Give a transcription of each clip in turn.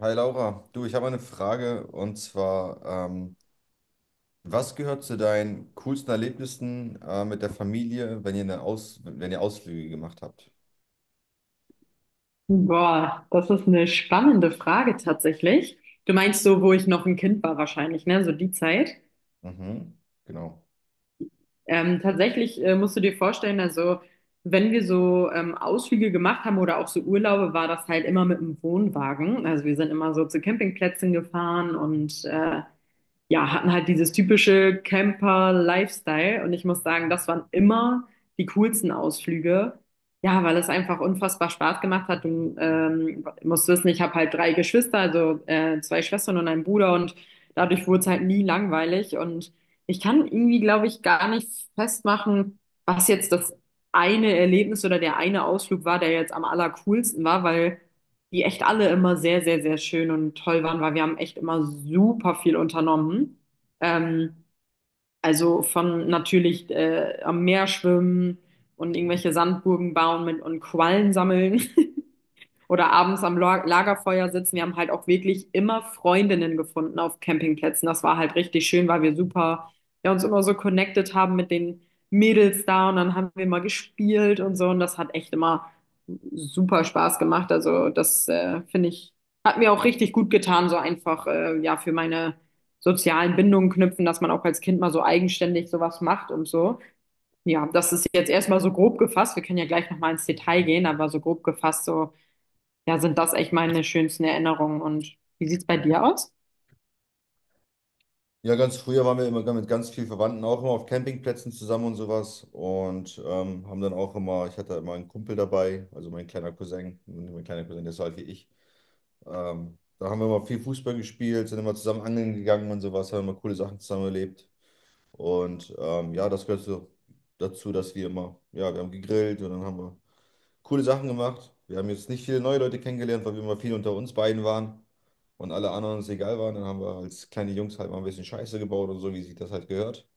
Hi Laura, du, ich habe eine Frage und zwar, was gehört zu deinen coolsten Erlebnissen, mit der Familie, wenn ihr eine Aus wenn ihr Ausflüge gemacht habt? Boah, das ist eine spannende Frage tatsächlich. Du meinst so, wo ich noch ein Kind war wahrscheinlich, ne? So die Zeit. Mhm, genau. Tatsächlich musst du dir vorstellen, also wenn wir so Ausflüge gemacht haben oder auch so Urlaube, war das halt immer mit dem Wohnwagen. Also wir sind immer so zu Campingplätzen gefahren und ja, hatten halt dieses typische Camper-Lifestyle und ich muss sagen, das waren immer die coolsten Ausflüge. Ja, weil es einfach unfassbar Spaß gemacht hat. Du musst wissen, ich habe halt drei Geschwister, also zwei Schwestern und einen Bruder und dadurch wurde es halt nie langweilig und ich kann irgendwie, glaube ich, gar nicht festmachen, was jetzt das eine Erlebnis oder der eine Ausflug war, der jetzt am allercoolsten war, weil die echt alle immer sehr, sehr, sehr schön und toll waren, weil wir haben echt immer super viel unternommen. Ähm, also von natürlich am Meer schwimmen und irgendwelche Sandburgen bauen mit und Quallen sammeln oder abends am Lagerfeuer sitzen. Wir haben halt auch wirklich immer Freundinnen gefunden auf Campingplätzen. Das war halt richtig schön, weil wir super, ja, uns immer so connected haben mit den Mädels da und dann haben wir mal gespielt und so und das hat echt immer super Spaß gemacht. Also das finde ich, hat mir auch richtig gut getan, so einfach, ja, für meine sozialen Bindungen knüpfen, dass man auch als Kind mal so eigenständig sowas macht und so. Ja, das ist jetzt erstmal so grob gefasst. Wir können ja gleich nochmal ins Detail gehen, aber so grob gefasst, so ja, sind das echt meine schönsten Erinnerungen. Und wie sieht's bei dir aus? Ja, ganz früher waren wir immer mit ganz vielen Verwandten auch immer auf Campingplätzen zusammen und sowas, und haben dann auch immer, ich hatte immer einen Kumpel dabei, also mein kleiner Cousin, der ist so alt wie ich. Da haben wir immer viel Fußball gespielt, sind immer zusammen angeln gegangen und sowas, haben immer coole Sachen zusammen erlebt. Und ja, das gehört so dazu, dass wir immer, ja, wir haben gegrillt und dann haben wir coole Sachen gemacht. Wir haben jetzt nicht viele neue Leute kennengelernt, weil wir immer viel unter uns beiden waren und alle anderen uns egal waren. Dann haben wir als kleine Jungs halt mal ein bisschen Scheiße gebaut und so, wie sich das halt gehört,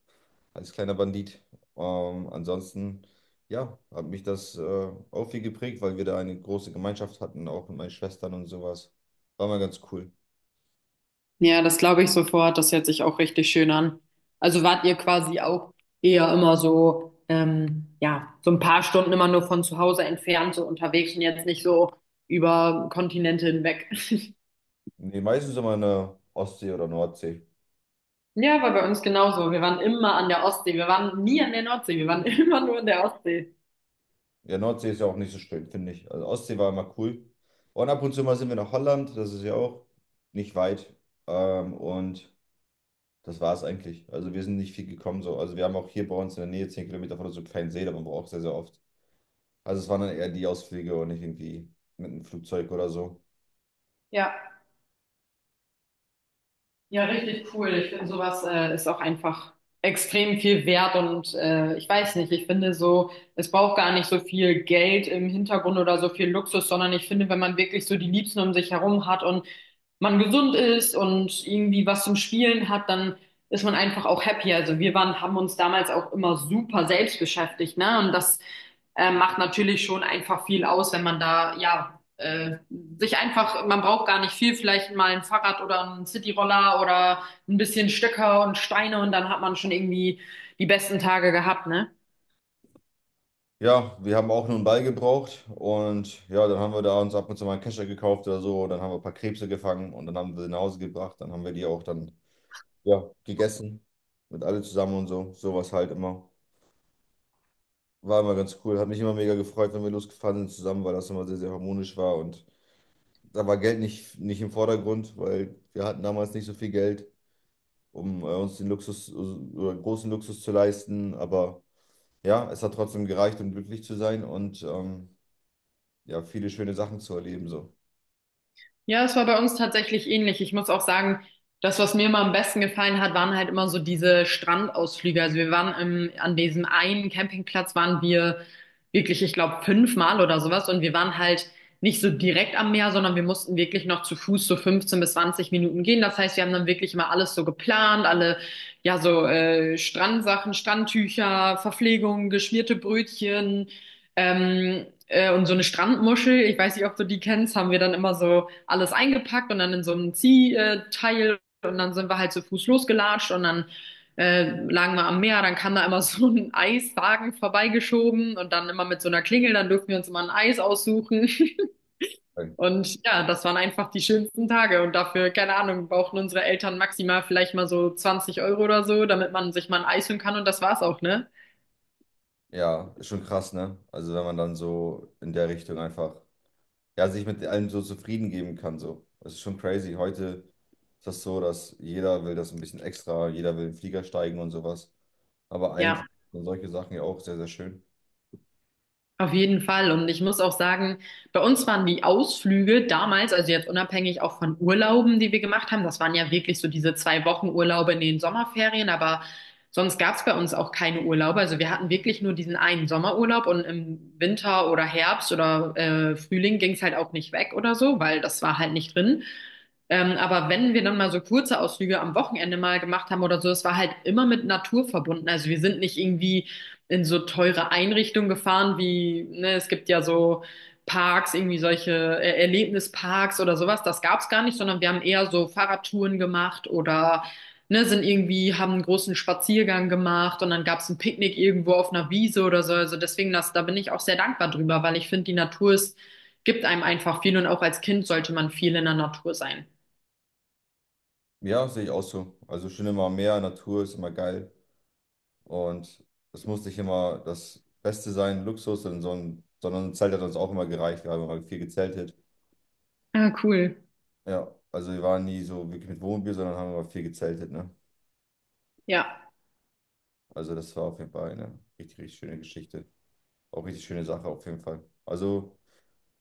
als kleiner Bandit. Ansonsten, ja, hat mich das, auch viel geprägt, weil wir da eine große Gemeinschaft hatten, auch mit meinen Schwestern und sowas. War mal ganz cool. Ja, das glaube ich sofort. Das hört sich auch richtig schön an. Also wart ihr quasi auch eher immer so, ja, so ein paar Stunden immer nur von zu Hause entfernt, so unterwegs und jetzt nicht so über Kontinente hinweg. Nee, meistens immer in der Ostsee oder Nordsee. Ja, war bei uns genauso. Wir waren immer an der Ostsee. Wir waren nie an der Nordsee. Wir waren immer nur an der Ostsee. Ja, Nordsee ist ja auch nicht so schön, finde ich. Also Ostsee war immer cool. Und ab und zu mal sind wir nach Holland, das ist ja auch nicht weit. Und das war es eigentlich. Also wir sind nicht viel gekommen so. Also wir haben auch hier bei uns in der Nähe, 10 Kilometer von uns, so einen kleinen See, da waren wir auch sehr, sehr oft. Also es waren dann eher die Ausflüge und nicht irgendwie mit einem Flugzeug oder so. Ja. Ja, richtig cool. Ich finde, sowas ist auch einfach extrem viel wert und ich weiß nicht, ich finde so, es braucht gar nicht so viel Geld im Hintergrund oder so viel Luxus, sondern ich finde, wenn man wirklich so die Liebsten um sich herum hat und man gesund ist und irgendwie was zum Spielen hat, dann ist man einfach auch happy. Also wir waren, haben uns damals auch immer super selbst beschäftigt, ne? Und das macht natürlich schon einfach viel aus, wenn man da, ja, sich einfach, man braucht gar nicht viel, vielleicht mal ein Fahrrad oder einen Cityroller oder ein bisschen Stöcker und Steine und dann hat man schon irgendwie die besten Tage gehabt, ne? Ja, wir haben auch nur einen Ball gebraucht und ja, dann haben wir da uns ab und zu mal einen Kescher gekauft oder so. Und dann haben wir ein paar Krebse gefangen und dann haben wir sie nach Hause gebracht. Dann haben wir die auch dann, ja, gegessen. Mit alle zusammen und so. Sowas halt immer. War immer ganz cool. Hat mich immer mega gefreut, wenn wir losgefahren sind zusammen, weil das immer sehr, sehr harmonisch war. Und da war Geld nicht im Vordergrund, weil wir hatten damals nicht so viel Geld, um, uns den Luxus oder großen Luxus zu leisten. Aber ja, es hat trotzdem gereicht, um glücklich zu sein und ja, viele schöne Sachen zu erleben. So. Ja, es war bei uns tatsächlich ähnlich. Ich muss auch sagen, das, was mir immer am besten gefallen hat, waren halt immer so diese Strandausflüge. Also wir waren an diesem einen Campingplatz waren wir wirklich, ich glaube, fünfmal oder sowas. Und wir waren halt nicht so direkt am Meer, sondern wir mussten wirklich noch zu Fuß so 15 bis 20 Minuten gehen. Das heißt, wir haben dann wirklich immer alles so geplant, alle, ja, so Strandsachen, Strandtücher, Verpflegung, geschmierte Brötchen. Und so eine Strandmuschel, ich weiß nicht, ob du die kennst, haben wir dann immer so alles eingepackt und dann in so einem Ziehteil und dann sind wir halt zu Fuß losgelatscht und dann äh, lagen wir am Meer, dann kam da immer so ein Eiswagen vorbeigeschoben und dann immer mit so einer Klingel, dann durften wir uns immer ein Eis aussuchen. Und ja, das waren einfach die schönsten Tage. Und dafür, keine Ahnung, brauchten unsere Eltern maximal vielleicht mal so 20 Euro oder so, damit man sich mal ein Eis holen kann. Und das war's auch, ne? Ja, ist schon krass, ne? Also wenn man dann so in der Richtung einfach, ja, sich mit allem so zufrieden geben kann. So. Das ist schon crazy. Heute ist das so, dass jeder will das ein bisschen extra, jeder will in den Flieger steigen und sowas. Aber Ja. eigentlich sind solche Sachen ja auch sehr, sehr schön. Auf jeden Fall. Und ich muss auch sagen, bei uns waren die Ausflüge damals, also jetzt unabhängig auch von Urlauben, die wir gemacht haben, das waren ja wirklich so diese 2 Wochen Urlaube in den Sommerferien, aber sonst gab es bei uns auch keine Urlaube. Also wir hatten wirklich nur diesen einen Sommerurlaub und im Winter oder Herbst oder Frühling ging es halt auch nicht weg oder so, weil das war halt nicht drin. Aber wenn wir dann mal so kurze Ausflüge am Wochenende mal gemacht haben oder so, es war halt immer mit Natur verbunden. Also wir sind nicht irgendwie in so teure Einrichtungen gefahren, wie, ne, es gibt ja so Parks, irgendwie solche Erlebnisparks oder sowas. Das gab's gar nicht, sondern wir haben eher so Fahrradtouren gemacht oder ne, sind irgendwie, haben einen großen Spaziergang gemacht und dann gab's ein Picknick irgendwo auf einer Wiese oder so. Also deswegen, das, da bin ich auch sehr dankbar drüber, weil ich finde, die Natur ist, gibt einem einfach viel und auch als Kind sollte man viel in der Natur sein. Ja, sehe ich auch so. Also schön, immer mehr Natur ist immer geil. Und es muss nicht immer das Beste sein, Luxus, sondern sondern ein Zelt hat uns auch immer gereicht. Wir haben immer viel gezeltet. Ah, cool. Ja, also wir waren nie so wirklich mit Wohnmobil, sondern haben immer viel gezeltet, ne? Ja. Also das war auf jeden Fall eine richtig, richtig schöne Geschichte. Auch richtig schöne Sache auf jeden Fall. Also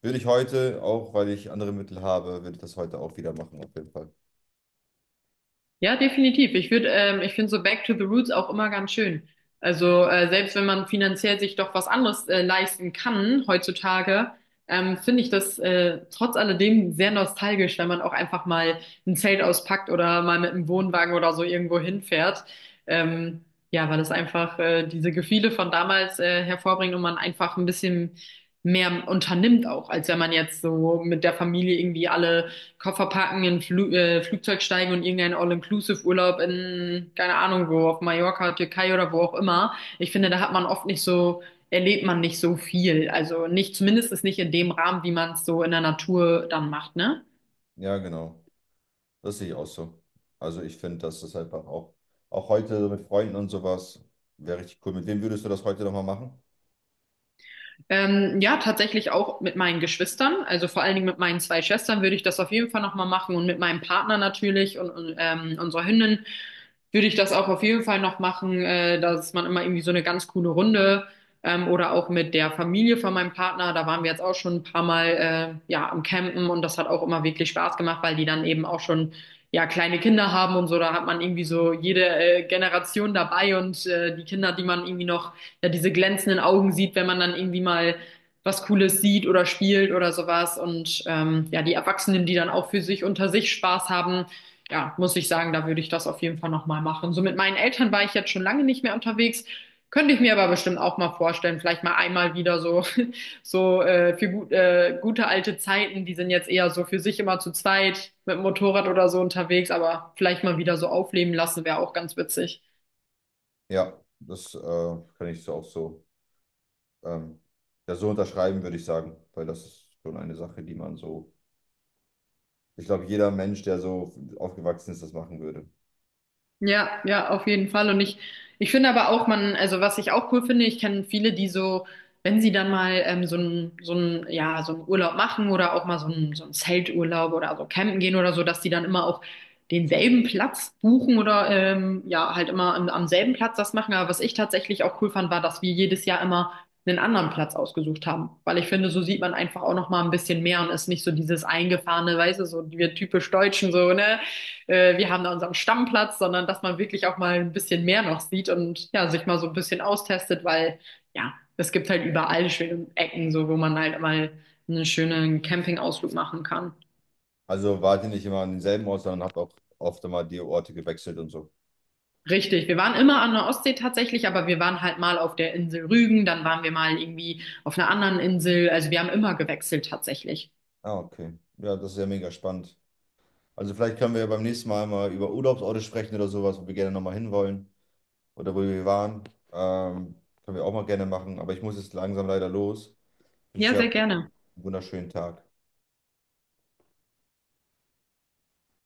würde ich heute, auch weil ich andere Mittel habe, würde ich das heute auch wieder machen, auf jeden Fall. Ja, definitiv. Ich finde so Back to the Roots auch immer ganz schön. Also selbst wenn man finanziell sich doch was anderes leisten kann heutzutage, finde ich das trotz alledem sehr nostalgisch, wenn man auch einfach mal ein Zelt auspackt oder mal mit einem Wohnwagen oder so irgendwo hinfährt. Ja, weil das einfach diese Gefühle von damals hervorbringt und man einfach ein bisschen mehr unternimmt auch, als wenn man jetzt so mit der Familie irgendwie alle Koffer packen, in Flugzeug steigen und irgendeinen All-Inclusive-Urlaub in, keine Ahnung wo, auf Mallorca, Türkei oder wo auch immer. Ich finde, da hat man oft nicht so, erlebt man nicht so viel. Also nicht, zumindest ist nicht in dem Rahmen, wie man es so in der Natur dann macht, ne? Ja, genau. Das sehe ich auch so. Also ich finde, das ist einfach auch, auch heute mit Freunden und sowas, wäre richtig cool. Mit wem würdest du das heute nochmal machen? Ja, tatsächlich auch mit meinen Geschwistern, also vor allen Dingen mit meinen zwei Schwestern würde ich das auf jeden Fall nochmal machen und mit meinem Partner natürlich und unserer Hündin würde ich das auch auf jeden Fall noch machen, dass man immer irgendwie so eine ganz coole Runde oder auch mit der Familie von meinem Partner, da waren wir jetzt auch schon ein paar Mal ja am Campen und das hat auch immer wirklich Spaß gemacht, weil die dann eben auch schon ja kleine Kinder haben und so, da hat man irgendwie so jede Generation dabei und die Kinder, die man irgendwie noch ja diese glänzenden Augen sieht, wenn man dann irgendwie mal was Cooles sieht oder spielt oder sowas. Und ja, die Erwachsenen, die dann auch für sich unter sich Spaß haben, ja, muss ich sagen, da würde ich das auf jeden Fall nochmal machen. So mit meinen Eltern war ich jetzt schon lange nicht mehr unterwegs. Könnte ich mir aber bestimmt auch mal vorstellen, vielleicht mal einmal wieder so, so für gute alte Zeiten, die sind jetzt eher so für sich immer zu zweit mit dem Motorrad oder so unterwegs, aber vielleicht mal wieder so aufleben lassen, wäre auch ganz witzig. Ja, das, kann ich so auch so, ähm, ja, so unterschreiben, würde ich sagen, weil das ist schon eine Sache, die man so, ich glaube, jeder Mensch, der so aufgewachsen ist, das machen würde. Ja, ja, auf jeden Fall. Und ich finde aber auch, man, also was ich auch cool finde, ich kenne viele, die so, wenn sie dann mal ja, so einen Urlaub machen oder auch mal so ein Zelturlaub oder so campen gehen oder so, dass die dann immer auch denselben Platz buchen oder ja, halt immer am selben Platz das machen. Aber was ich tatsächlich auch cool fand, war, dass wir jedes Jahr immer einen anderen Platz ausgesucht haben. Weil ich finde, so sieht man einfach auch noch mal ein bisschen mehr und ist nicht so dieses eingefahrene, weißt du, so wir typisch Deutschen so, ne? Wir haben da unseren Stammplatz, sondern dass man wirklich auch mal ein bisschen mehr noch sieht und ja, sich mal so ein bisschen austestet, weil ja, es gibt halt überall schöne Ecken, so wo man halt mal einen schönen Campingausflug machen kann. Also wart ihr nicht immer an denselben Ort, sondern habt auch oft immer die Orte gewechselt und so. Richtig, wir waren immer an der Ostsee tatsächlich, aber wir waren halt mal auf der Insel Rügen, dann waren wir mal irgendwie auf einer anderen Insel. Also wir haben immer gewechselt tatsächlich. Ah, okay. Ja, das ist ja mega spannend. Also vielleicht können wir ja beim nächsten Mal mal über Urlaubsorte sprechen oder sowas, wo wir gerne nochmal hinwollen oder wo wir waren. Ähm, Können wir auch mal gerne machen, aber ich muss jetzt langsam leider los. Ich wünsche Ja, dir sehr aber gerne. einen wunderschönen Tag.